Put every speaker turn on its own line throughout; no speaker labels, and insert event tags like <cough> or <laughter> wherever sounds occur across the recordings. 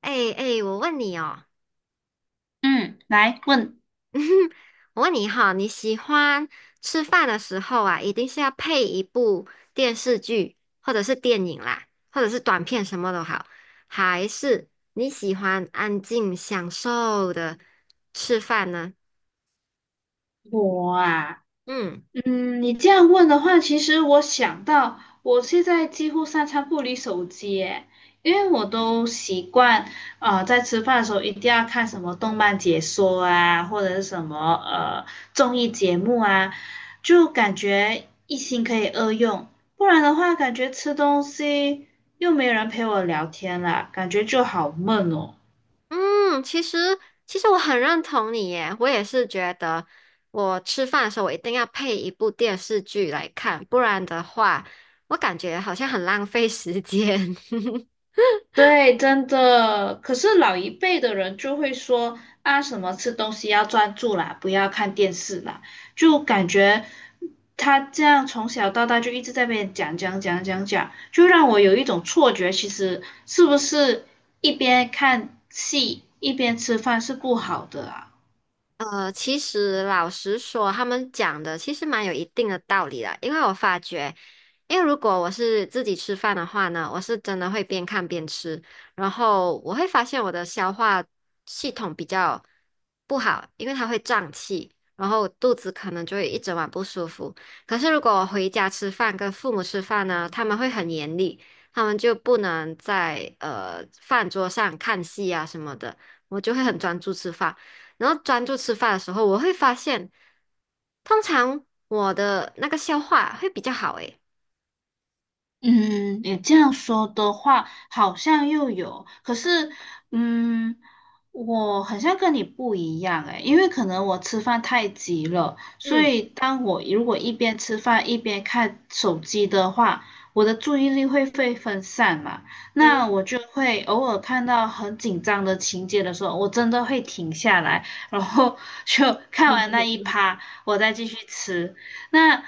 哎哎，我问你哦，
嗯，来问。
<laughs> 我问你哈，你喜欢吃饭的时候啊，一定是要配一部电视剧，或者是电影啦，或者是短片什么都好，还是你喜欢安静享受的吃饭呢？
我啊，
嗯
嗯，你这样问的话，其实我想到，我现在几乎三餐不离手机耶，因为我都习惯，啊，在吃饭的时候一定要看什么动漫解说啊，或者是什么综艺节目啊，就感觉一心可以二用，不然的话，感觉吃东西又没有人陪我聊天啦，感觉就好闷哦。
嗯，其实我很认同你耶，我也是觉得我吃饭的时候我一定要配一部电视剧来看，不然的话，我感觉好像很浪费时间。<laughs>
对，真的。可是老一辈的人就会说啊，什么吃东西要专注啦，不要看电视啦，就感觉他这样从小到大就一直在被讲讲讲讲讲，就让我有一种错觉，其实是不是一边看戏一边吃饭是不好的啊？
其实老实说，他们讲的其实蛮有一定的道理的，因为我发觉，因为如果我是自己吃饭的话呢，我是真的会边看边吃，然后我会发现我的消化系统比较不好，因为它会胀气，然后肚子可能就会一整晚不舒服。可是如果我回家吃饭，跟父母吃饭呢，他们会很严厉，他们就不能在饭桌上看戏啊什么的，我就会很专注吃饭。然后专注吃饭的时候，我会发现，通常我的那个消化会比较好诶。
嗯，你这样说的话，好像又有，可是，嗯，我好像跟你不一样诶，因为可能我吃饭太急了，所
嗯
以当我如果一边吃饭一边看手机的话，我的注意力会被分散嘛，
嗯，
那我就会偶尔看到很紧张的情节的时候，我真的会停下来，然后 <laughs> 就看完那一趴，我再继续吃。那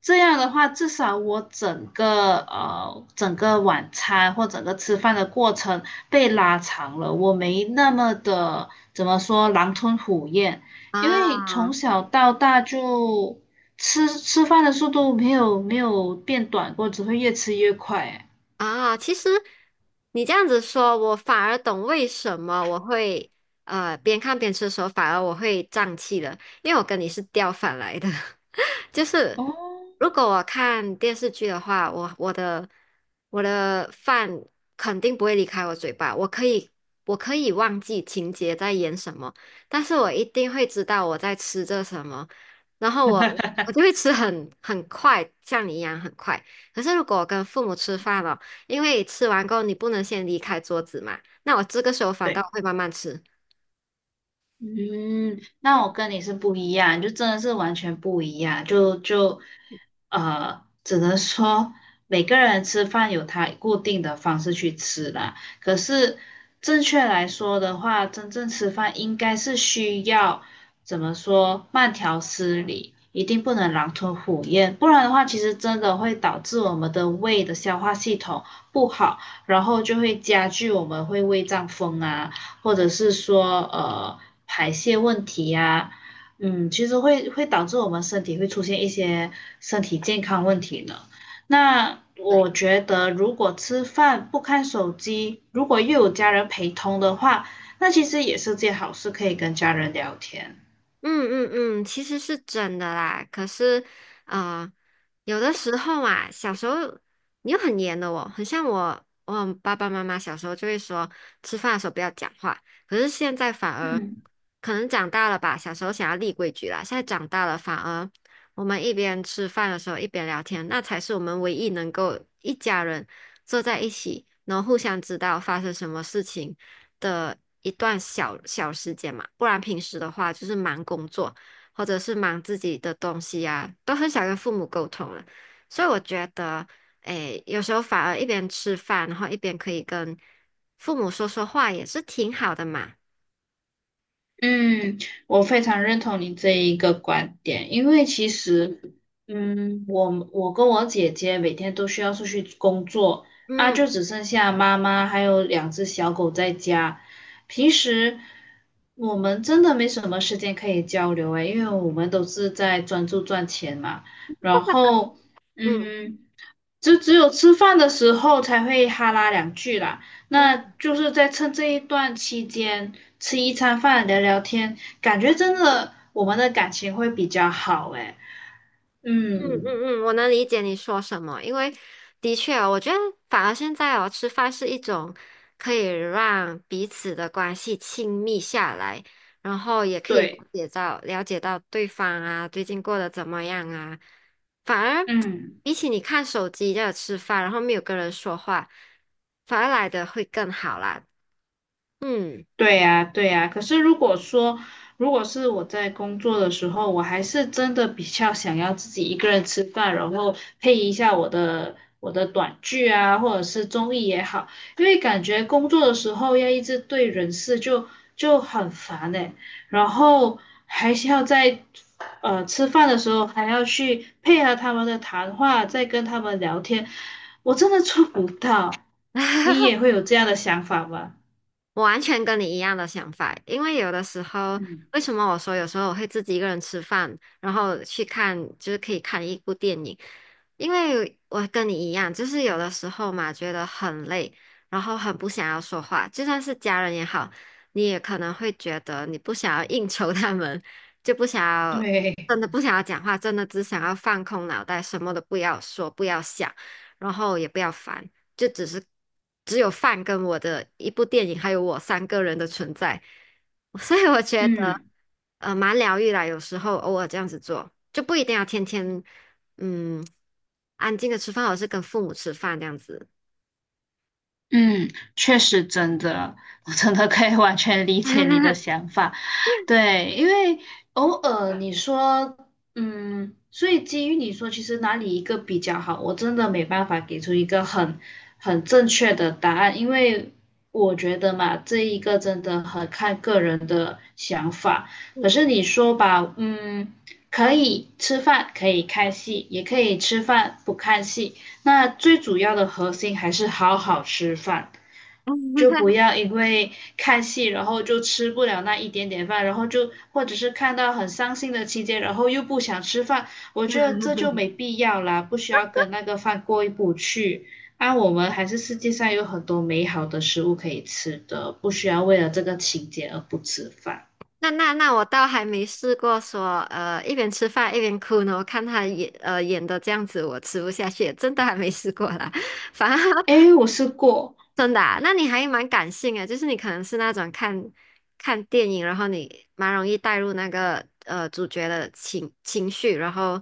这样的话，至少我整个整个晚餐或整个吃饭的过程被拉长了，我没那么的怎么说狼吞虎咽，因为
啊
从小到大就吃饭的速度没有变短过，只会越吃越快。哎
啊，其实你这样子说，我反而懂为什么我会边看边吃的时候，反而我会胀气了，因为我跟你是调反来的。<laughs> 就是
哦，
如果我看电视剧的话，我的饭肯定不会离开我嘴巴，我可以忘记情节在演什么，但是我一定会知道我在吃着什么，然后我就会吃很快，像你一样很快。可是如果我跟父母吃饭了，因为吃完过后你不能先离开桌子嘛，那我这个时候反倒
对。
会慢慢吃。
嗯，
嗯，
那我跟你是不一样，就真的是完全不一样，就呃，只能说每个人吃饭有他固定的方式去吃啦。可是正确来说的话，真正吃饭应该是需要怎么说，慢条斯理，一定不能狼吞虎咽，不然的话，其实真的会导致我们的胃的消化系统不好，然后就会加剧我们会胃胀风啊。或者是说排泄问题呀、嗯，其实会导致我们身体会出现一些身体健康问题的。那
对。
我觉得，如果吃饭不看手机，如果又有家人陪同的话，那其实也是件好事，可以跟家人聊天。
嗯嗯嗯，其实是真的啦。可是，呃，有的时候啊，小时候你又很严的哦，很像我，我爸爸妈妈小时候就会说，吃饭的时候不要讲话。可是现在反而
嗯。
可能长大了吧，小时候想要立规矩啦，现在长大了反而我们一边吃饭的时候一边聊天，那才是我们唯一能够一家人坐在一起，然后互相知道发生什么事情。的一段小小时间嘛，不然平时的话就是忙工作或者是忙自己的东西啊，都很少跟父母沟通了。所以我觉得，诶，有时候反而一边吃饭，然后一边可以跟父母说说话，也是挺好的嘛。
嗯，我非常认同你这一个观点，因为其实，嗯，我跟我姐姐每天都需要出去工作，啊，就
嗯
只剩下妈妈还有两只小狗在家。平时我们真的没什么时间可以交流诶，因为我们都是在专注赚钱嘛。然后，
嗯嗯。
嗯。只有吃饭的时候才会哈拉两句啦，那就是在趁这一段期间吃一餐饭聊聊天，感觉真的我们的感情会比较好诶。
嗯
嗯，
嗯嗯，我能理解你说什么，因为的确哦，我觉得反而现在哦，吃饭是一种可以让彼此的关系亲密下来，然后也可以了
对，
解到了解到对方啊，最近过得怎么样啊。反而
嗯。
比起你看手机在那吃饭，然后没有跟人说话，反而来的会更好啦。嗯。
对呀，对呀。可是如果说，如果是我在工作的时候，我还是真的比较想要自己一个人吃饭，然后配一下我的短剧啊，或者是综艺也好，因为感觉工作的时候要一直对人事就很烦诶，然后还是要在吃饭的时候还要去配合他们的谈话，再跟他们聊天，我真的做不到。你也会有这样的想法吗？
我完全跟你一样的想法，因为有的时候，
嗯。
为什么我说有时候我会自己一个人吃饭，然后去看，就是可以看一部电影，因为我跟你一样，就是有的时候嘛，觉得很累，然后很不想要说话，就算是家人也好，你也可能会觉得你不想要应酬他们，就不想要，
对，
真的不想要讲话，真的只想要放空脑袋，什么都不要说，不要想，然后也不要烦。就只是只有饭跟我的一部电影，还有我三个人的存在，<laughs> 所以我觉得
嗯
蛮疗愈啦。有时候偶尔这样子做，就不一定要天天嗯安静的吃饭，而是跟父母吃饭这样子。
嗯，确实真的，我真的可以完全理解你的想法。对，因为偶尔你说，嗯，所以基于你说，其实哪里一个比较好，我真的没办法给出一个很正确的答案，因为我觉得嘛，这一个真的很看个人的想法。可是你说吧，嗯，可以吃饭，可以看戏，也可以吃饭不看戏，那最主要的核心还是好好吃饭。就不
<laughs>
要因为看戏，然后就吃不了那一点点饭，然后就或者是看到很伤心的情节，然后又不想吃饭，我觉得这就没必要啦，不需要跟那个饭过意不去。啊，我们还是世界上有很多美好的食物可以吃的，不需要为了这个情节而不吃饭。
那我倒还没试过说一边吃饭一边哭呢。我看他演演的这样子，我吃不下去，真的还没试过啦。<laughs> 反而
诶，我试过。
真的啊？那你还蛮感性的，就是你可能是那种看电影，然后你蛮容易带入那个主角的情绪，然后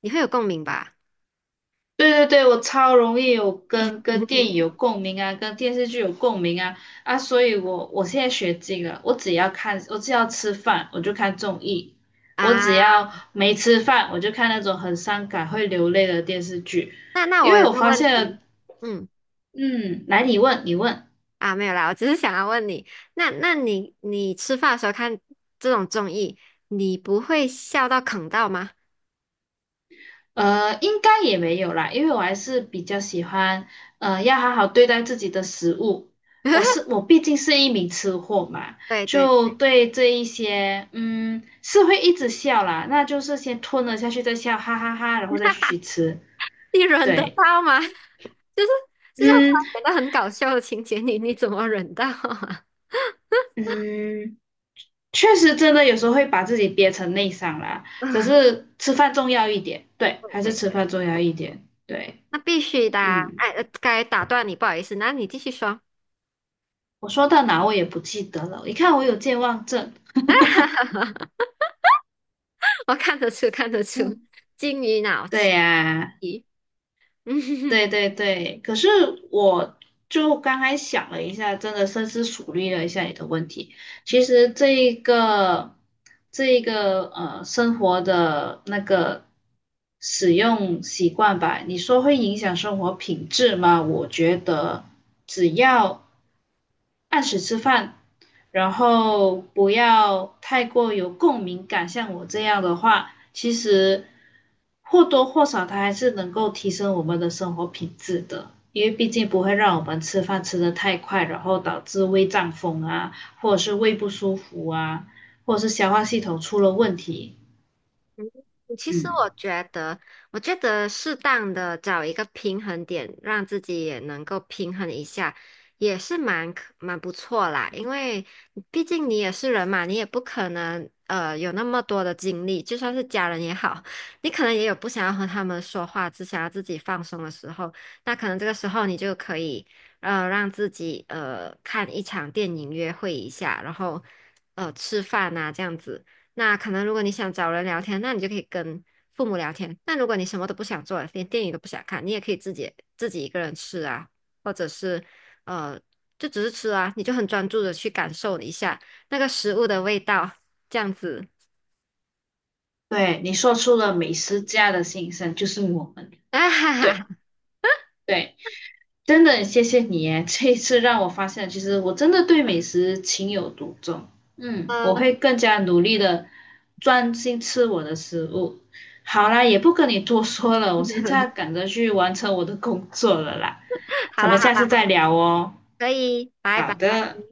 你会有共鸣吧？
对对对，我超容易有跟电影有
<laughs>
共鸣啊，跟电视剧有共鸣啊。啊，所以我现在学精了，我只要看，我只要吃饭我就看综艺，我只
啊，
要没吃饭我就看那种很伤感会流泪的电视剧，
那
因
我
为
有
我
个
发
问
现
题，
了。
嗯，
嗯，来你问你问。
啊，没有啦，我只是想要问你，那你吃饭的时候看这种综艺，你不会笑到啃到吗？
呃，应该也没有啦，因为我还是比较喜欢，呃，要好好对待自己的食物。我是
<laughs>
我毕竟是一名吃货嘛，
对对，
就对这一些，嗯，是会一直笑啦，那就是先吞了下去再笑，哈哈哈，然后再继续吃。
你忍得
对，
到吗？<laughs> 就是就是他
嗯
演的很搞笑的情节，你怎么忍到啊？
嗯，确实真的有时候会把自己憋成内伤啦，可
<laughs>
是吃饭重要一点，对，
对
还是
对
吃
对。
饭重要一点，对。
那必须的啊。
嗯，
哎，该打断你，不好意思，那你继续说，
我说到哪我也不记得了，你看我有健忘症。
<laughs> 我看得出，看得出，
嗯。
金鱼脑
对
气。
呀，
嗯
对
<laughs>
对对，可是我就刚才想了一下，真的深思熟虑了一下你的问题。其实这一个生活的那个使用习惯吧，你说会影响生活品质吗？我觉得只要按时吃饭，然后不要太过有共鸣感，像我这样的话，其实或多或少它还是能够提升我们的生活品质的，因为毕竟不会让我们吃饭吃得太快，然后导致胃胀风啊，或者是胃不舒服啊，或者是消化系统出了问题。
其实我
嗯，
觉得，适当的找一个平衡点，让自己也能够平衡一下，也是蛮不错啦。因为毕竟你也是人嘛，你也不可能有那么多的精力，就算是家人也好，<laughs> 你可能也有不想要和他们说话，只想要自己放松的时候，那可能这个时候你就可以让自己看一场电影约会一下，然后吃饭啊这样子。那可能如果你想找人聊天，那你就可以跟父母聊天。但如果你什么都不想做，连电影都不想看，你也可以自己一个人吃啊，或者是呃，就只是吃啊，你就很专注的去感受一下那个食物的味道，这样子。
对，你说出了美食家的心声，就是我们。
<laughs> 啊哈
对
哈，
对。真的谢谢你耶，这一次让我发现，其实我真的对美食情有独钟。嗯，我
嗯，
会更加努力的专心吃我的食物。好啦，也不跟你多说了，我现在
<laughs>
赶着去完成我的工作了啦，
好
咱们
啦好
下次
啦，
再聊哦。
可以，拜
好
拜。
的。